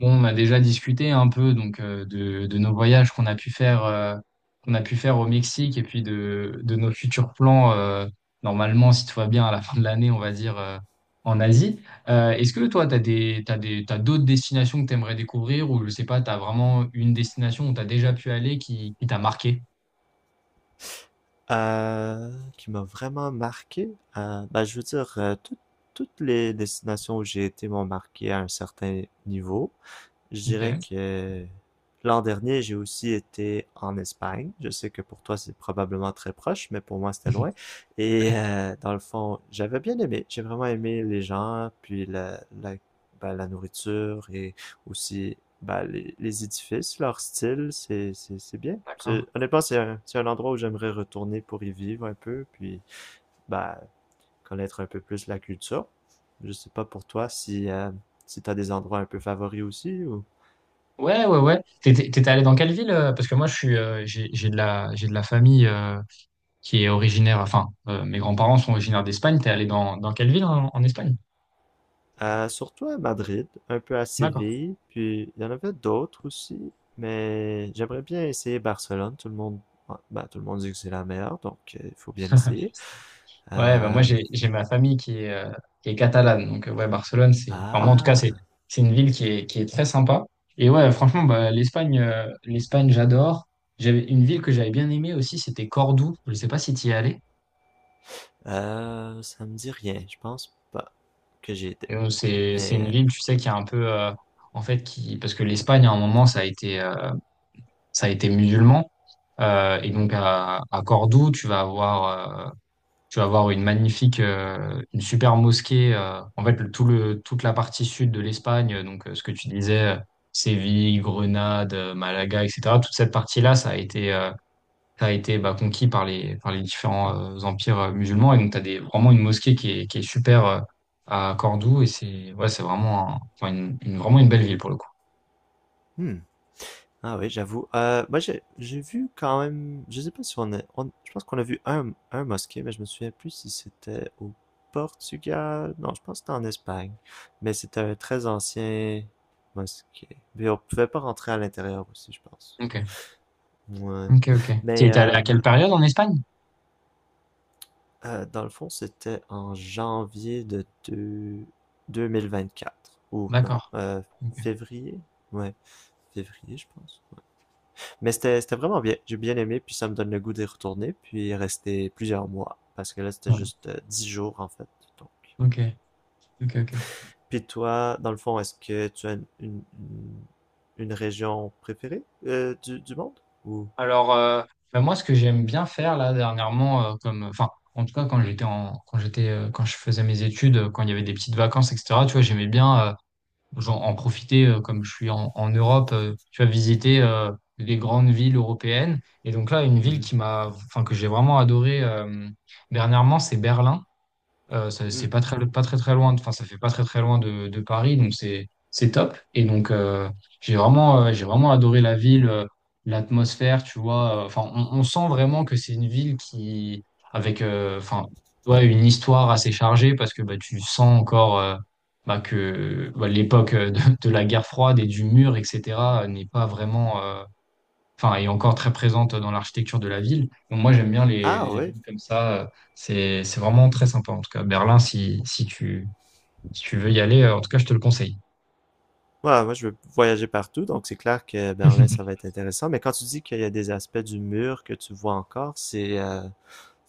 Bon, on a déjà discuté un peu donc de nos voyages qu'on a pu faire qu'on a pu faire au Mexique et puis de nos futurs plans normalement si tout va bien à la fin de l'année on va dire en Asie. Est-ce que toi t'as d'autres destinations que t'aimerais découvrir ou je sais pas t'as vraiment une destination où t'as déjà pu aller qui t'a marqué? Euh, qui m'a vraiment marqué, bah, je veux dire, toutes les destinations où j'ai été m'ont marqué à un certain niveau. Je Ok. dirais que l'an dernier, j'ai aussi été en Espagne. Je sais que pour toi, c'est probablement très proche, mais pour moi, c'était loin. Et dans le fond, j'avais bien aimé. J'ai vraiment aimé les gens, puis ben, la nourriture, et aussi ben, les édifices, leur style. C'est bien. D'accord. Honnêtement, c'est un endroit où j'aimerais retourner pour y vivre un peu, puis ben, connaître un peu plus la culture. Je sais pas pour toi si tu as des endroits un peu favoris aussi, ou... Ouais, ouais, ouais. T'étais allé dans quelle ville? Parce que moi je suis j'ai de la famille qui est originaire, enfin, mes grands-parents sont originaires d'Espagne. T'es allé dans quelle ville en Espagne? Surtout à Madrid, un peu à D'accord. Séville, puis il y en avait d'autres aussi, mais j'aimerais bien essayer Barcelone. Tout le monde dit que c'est la meilleure, donc il faut bien l'essayer. Ouais, bah, moi, Euh, j'ai ma famille qui est catalane. Donc, ouais, Barcelone, c'est, enfin, moi, en tout cas, c'est, ah, c'est une ville qui est très sympa. Et ouais, franchement, bah, l'Espagne, j'adore. J'avais une ville que j'avais bien aimée aussi, c'était Cordoue. Je ne sais pas si tu y es allé. Ça me dit rien. Je pense pas que j'y étais, Et donc, c'est mais une ville, tu sais, ouais. qui est un peu, en fait, qui, parce que l'Espagne, à un moment, ça a été musulman. Et donc à Cordoue, tu vas avoir une magnifique, une super mosquée. En fait, toute la partie sud de l'Espagne, donc ce que tu disais, Séville, Grenade, Malaga, etc. Toute cette partie-là, ça a été bah, conquis par les différents empires musulmans. Et donc, vraiment une mosquée qui est super à Cordoue. Et c'est ouais, c'est vraiment, enfin, vraiment une belle ville pour le coup. Hmm. Ah oui, j'avoue. Moi, j'ai vu quand même. Je sais pas si je pense qu'on a vu un mosquée, mais je me souviens plus si c'était au Portugal. Non, je pense que c'était en Espagne. Mais c'était un très ancien mosquée. Mais on pouvait pas rentrer à l'intérieur aussi, je pense. Ok. Ouais. Ok. Ok. Tu Mais étais allé à quelle période en Espagne? Dans le fond, c'était en janvier de 2024. Ou non, D'accord. Ok. février? Ouais, février, je pense. Mais c'était vraiment bien. J'ai bien aimé, puis ça me donne le goût d'y retourner, puis rester plusieurs mois. Parce que là, c'était Ouais. juste 10 jours, en fait. Donc. Ok. Ok. Ok. Puis toi, dans le fond, est-ce que tu as région préférée du monde? Ou... Alors, ben moi, ce que j'aime bien faire là dernièrement, enfin, en tout cas quand j'étais en, quand j'étais, quand je faisais mes études, quand il y avait des petites vacances, etc. Tu vois, j'aimais bien genre, en profiter, comme je suis en Europe, tu vois, visiter les grandes villes européennes. Et donc là, une ville Mhm. qui m'a, enfin, que j'ai vraiment adoré dernièrement, c'est Berlin. C'est Hmm. pas très très loin, enfin ça fait pas très très loin de Paris, donc c'est top. Et donc j'ai vraiment adoré la ville, l'atmosphère, tu vois. Enfin on sent vraiment que c'est une ville qui avec enfin ouais, une histoire assez chargée parce que bah tu sens encore bah, que bah, l'époque de la guerre froide et du mur etc. n'est pas vraiment enfin, est encore très présente dans l'architecture de la ville. Donc, moi, j'aime bien les, Ah les oui. villes comme ça. C'est vraiment très sympa. En tout cas, Berlin, si tu veux y aller, en tout cas, je te le conseille. Ouais, moi, je veux voyager partout, donc c'est clair que Berlin, ça va être intéressant. Mais quand tu dis qu'il y a des aspects du mur que tu vois encore, c'est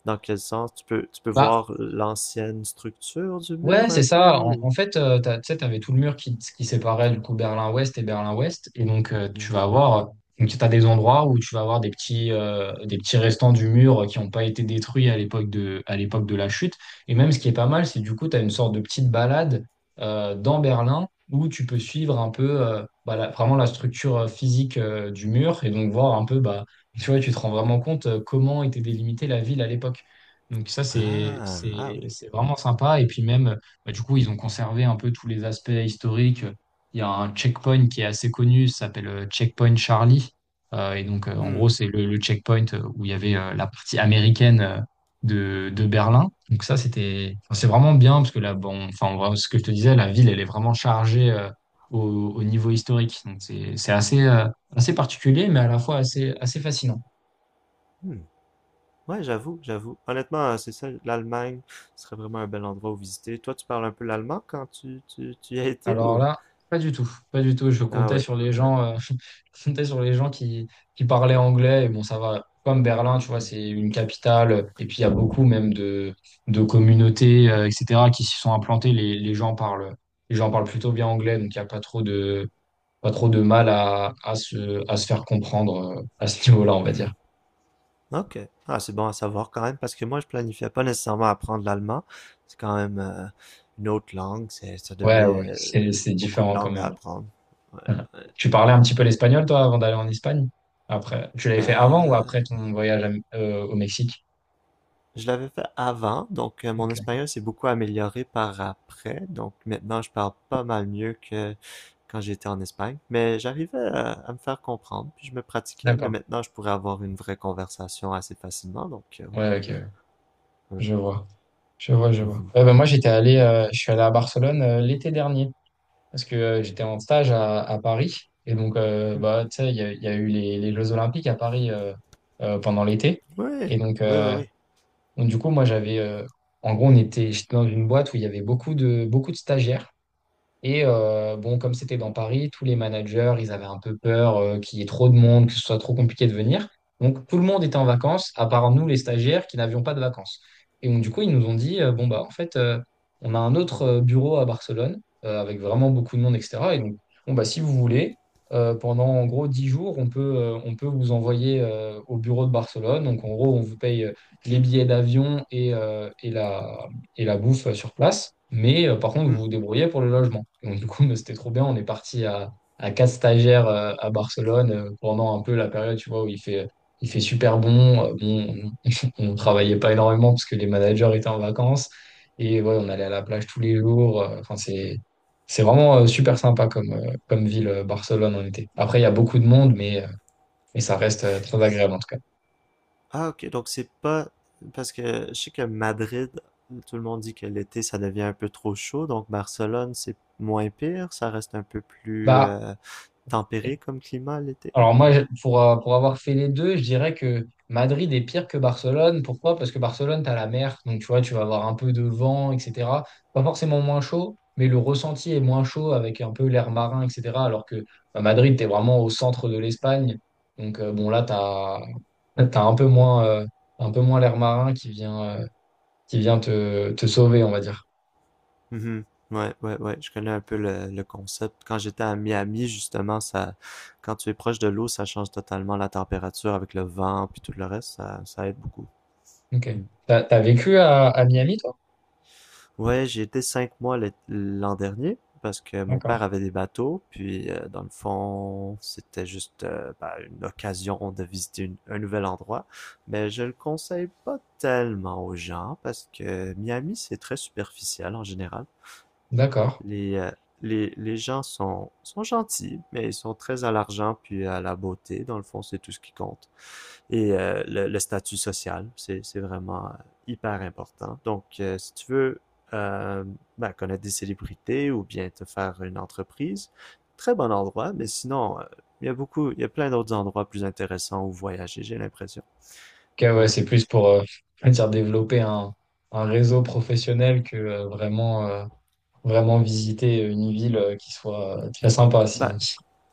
dans quel sens? Tu peux Bah, voir l'ancienne structure du ouais, mur un c'est ça. peu En, ou... en fait, tu sais, tu avais tout le mur qui séparait du coup Berlin-Ouest et Berlin-Ouest. Et donc, Mhm. Donc, t'as des endroits où tu vas avoir des petits restants du mur qui n'ont pas été détruits à l'époque de la chute. Et même ce qui est pas mal, c'est du coup, tu as une sorte de petite balade dans Berlin où tu peux suivre un peu bah, vraiment la structure physique du mur et donc voir un peu, bah, tu vois, tu te rends vraiment compte comment était délimitée la ville à l'époque. Donc ça, c'est, Ah, ah c'est, oui. c'est vraiment sympa. Et puis même, bah, du coup, ils ont conservé un peu tous les aspects historiques. Il y a un checkpoint qui est assez connu, ça s'appelle Checkpoint Charlie. Et donc, en gros, Hmm, c'est le checkpoint où il y avait la partie américaine de Berlin. Donc ça, c'était, enfin, c'est vraiment bien parce que là, bon, enfin, en vrai, ce que je te disais, la ville, elle est vraiment chargée au, au niveau historique. Donc c'est assez particulier, mais à la fois assez, assez fascinant. hmm. Ouais, j'avoue, j'avoue. Honnêtement, c'est ça, l'Allemagne ce serait vraiment un bel endroit où visiter. Toi, tu parles un peu l'allemand quand tu y as été, Alors ou? là, pas du tout, pas du tout. Je Ah comptais oui, sur les ouais. gens, je comptais sur les gens qui parlaient anglais. Et bon, ça va. Comme Berlin, tu vois, Hmm, c'est une capitale. Et puis il y a beaucoup même de communautés, etc., qui s'y sont implantées. Les gens parlent plutôt bien anglais, donc il n'y a pas trop de mal à se, à se faire comprendre à ce niveau-là, on va hmm. dire. Ok. Ah, c'est bon à savoir quand même, parce que moi, je planifiais pas nécessairement apprendre l'allemand. C'est quand même une autre langue. Ça Ouais, devient ouais, c'est beaucoup de différent quand langues à même. apprendre. Ouais. Ouais. Tu parlais un petit peu l'espagnol, toi, avant d'aller en Espagne? Après, tu l'avais fait avant ou Euh, après ton voyage au Mexique? Je l'avais fait avant, donc mon Ok. espagnol s'est beaucoup amélioré par après. Donc maintenant, je parle pas mal mieux que quand j'étais en Espagne. Mais j'arrivais à me faire comprendre, puis je me pratiquais. Mais D'accord. maintenant, je pourrais avoir une vraie conversation assez facilement. Donc ouais, Ouais, ok. Ouais. ouais, Je vois. Je vois, je vois. mhm. Ouais, bah, moi, j'étais allé, je suis allé à Barcelone l'été dernier parce que j'étais en stage à Paris. Et donc, Hmm. bah, tu sais, il y a eu les Jeux Olympiques à Paris pendant l'été. Ouais, Et ouais, ouais, ouais. donc, du coup, moi, j'avais. En gros, on était, j'étais dans une boîte où il y avait beaucoup de stagiaires. Et bon, comme c'était dans Paris, tous les managers, ils avaient un peu peur qu'il y ait trop de monde, que ce soit trop compliqué de venir. Donc tout le monde était en vacances, à part nous, les stagiaires, qui n'avions pas de vacances. Et donc du coup, ils nous ont dit, bon, bah en fait, on a un autre bureau à Barcelone, avec vraiment beaucoup de monde, etc. Et donc, bon, bah si vous voulez, pendant en gros 10 jours, on peut vous envoyer au bureau de Barcelone. Donc en gros, on vous paye les billets d'avion et la bouffe sur place. Mais par contre, vous Hmm. vous débrouillez pour le logement. Donc, du coup, c'était trop bien. On est parti à quatre stagiaires à Barcelone pendant un peu la période, tu vois, où il fait super bon. Bon, on ne travaillait pas énormément parce que les managers étaient en vacances. Et ouais, on allait à la plage tous les jours. Enfin, c'est vraiment super sympa comme ville, Barcelone, en été. Après, il y a beaucoup de monde, mais ça reste très agréable en tout cas. Ah ok, donc c'est pas, parce que je sais que Madrid, tout le monde dit que l'été ça devient un peu trop chaud. Donc Barcelone, c'est moins pire. Ça reste un peu plus Bah, tempéré comme climat l'été. Alors moi, pour avoir fait les deux, je dirais que Madrid est pire que Barcelone. Pourquoi? Parce que Barcelone, tu as la mer, donc tu vois, tu vas avoir un peu de vent, etc. Pas forcément moins chaud, mais le ressenti est moins chaud avec un peu l'air marin, etc. Alors que à Madrid, tu es vraiment au centre de l'Espagne. Donc bon, là, tu as, un peu moins l'air marin qui vient te sauver, on va dire. Mhm. Ouais, ouais, ouais, je connais un peu le concept. Quand j'étais à Miami, justement, quand tu es proche de l'eau, ça change totalement la température avec le vent puis tout le reste, ça aide beaucoup. Ok. Mm. T'as vécu à Miami, toi? Ouais, j'ai été 5 mois l'an dernier, parce que mon D'accord. père avait des bateaux, puis dans le fond, c'était juste bah, une occasion de visiter un nouvel endroit. Mais je le conseille pas tellement aux gens, parce que Miami, c'est très superficiel en général. D'accord. Les, euh, les gens sont, gentils, mais ils sont très à l'argent puis à la beauté. Dans le fond, c'est tout ce qui compte. Et le statut social, c'est vraiment hyper important. Donc, si tu veux euh, ben, connaître des célébrités ou bien te faire une entreprise, très bon endroit. Mais sinon, il y a plein d'autres endroits plus intéressants où voyager, j'ai l'impression. Ok, ouais, Ouais. c'est plus pour on va dire développer un réseau professionnel que vraiment visiter une ville qui soit très sympa. Si. Ben,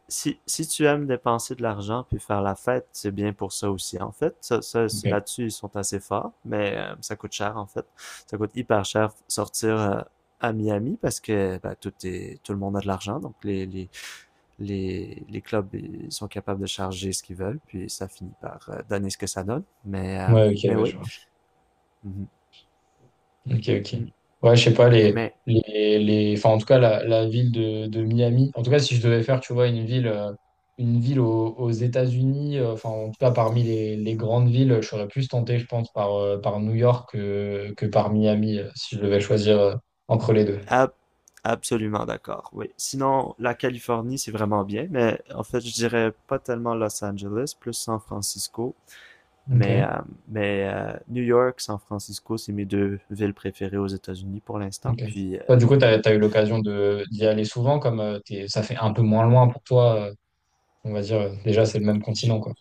Si tu aimes dépenser de l'argent puis faire la fête, c'est bien pour ça aussi, en fait. Ça, Ok. là-dessus, ils sont assez forts, mais ça coûte cher, en fait. Ça coûte hyper cher sortir à Miami, parce que bah, tout le monde a de l'argent, donc les clubs, ils sont capables de charger ce qu'ils veulent, puis ça finit par donner ce que ça donne. Mais, euh, Ouais, ok, mais ouais, oui. je vois. Mhm. Ok, ok. Mm. Ouais, je sais pas, Mais enfin, en tout cas, la ville de Miami. En tout cas, si je devais faire, tu vois, une ville, une ville aux États-Unis, enfin, en tout cas, parmi les grandes villes, je serais plus tenté, je pense, par New York que par Miami, si je devais choisir entre les deux. Ab- absolument d'accord, oui. Sinon, la Californie, c'est vraiment bien, mais en fait, je dirais pas tellement Los Angeles, plus San Francisco. Ok. Mais, euh, mais New York, San Francisco, c'est mes deux villes préférées aux États-Unis pour l'instant. Ok. Puis, Toi, du coup, tu ouais. as, eu l'occasion de d'y aller souvent, comme ça fait un peu moins loin pour toi, on va dire, déjà, c'est le même J'ai, continent, quoi.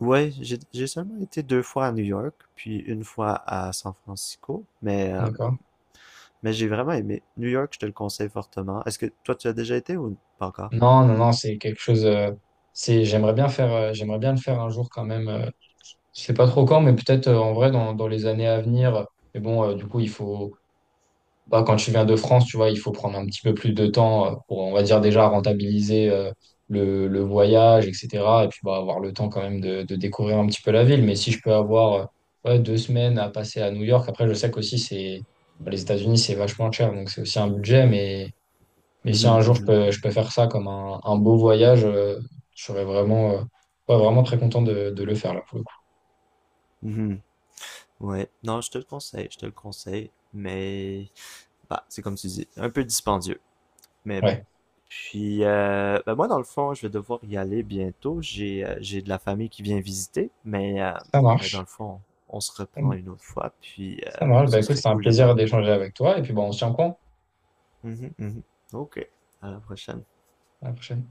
ouais, j'ai seulement été deux fois à New York, puis une fois à San Francisco. Mais, euh, D'accord? mais j'ai vraiment aimé. New York, je te le conseille fortement. Est-ce que toi, tu as déjà été ou pas encore? Non, non, non, c'est quelque chose, c'est, j'aimerais bien faire, j'aimerais bien le faire un jour quand même. Je sais pas trop quand, mais peut-être en vrai dans les années à venir. Mais bon, du coup, il faut, bah, quand tu viens de France, tu vois, il faut prendre un petit peu plus de temps pour, on va dire, déjà rentabiliser le voyage, etc. Et puis, bah, avoir le temps quand même de découvrir un petit peu la ville. Mais si je peux avoir ouais, 2 semaines à passer à New York, après, je sais qu'aussi, c'est, bah, les États-Unis, c'est vachement cher, donc c'est aussi un budget. Mais si un Mhm, jour, je mhm. peux, je peux faire ça comme un beau voyage, je serais vraiment, ouais, vraiment très content de le faire, là, pour le coup. Mhm. Ouais, non, je te le conseille, je te le conseille, mais bah, c'est comme tu dis, un peu dispendieux, mais bon. Ouais, Puis, bah, moi, dans le fond, je vais devoir y aller bientôt. J'ai de la famille qui vient visiter, mais, euh, ça mais dans marche. le fond, on se reprend une autre fois, puis Ça marche. Bah, ce écoute, serait c'est un cool de plaisir parler. d'échanger avec toi. Et puis, bon, on se tient au courant. Mhm, mhm. Ok, à la prochaine. À la prochaine.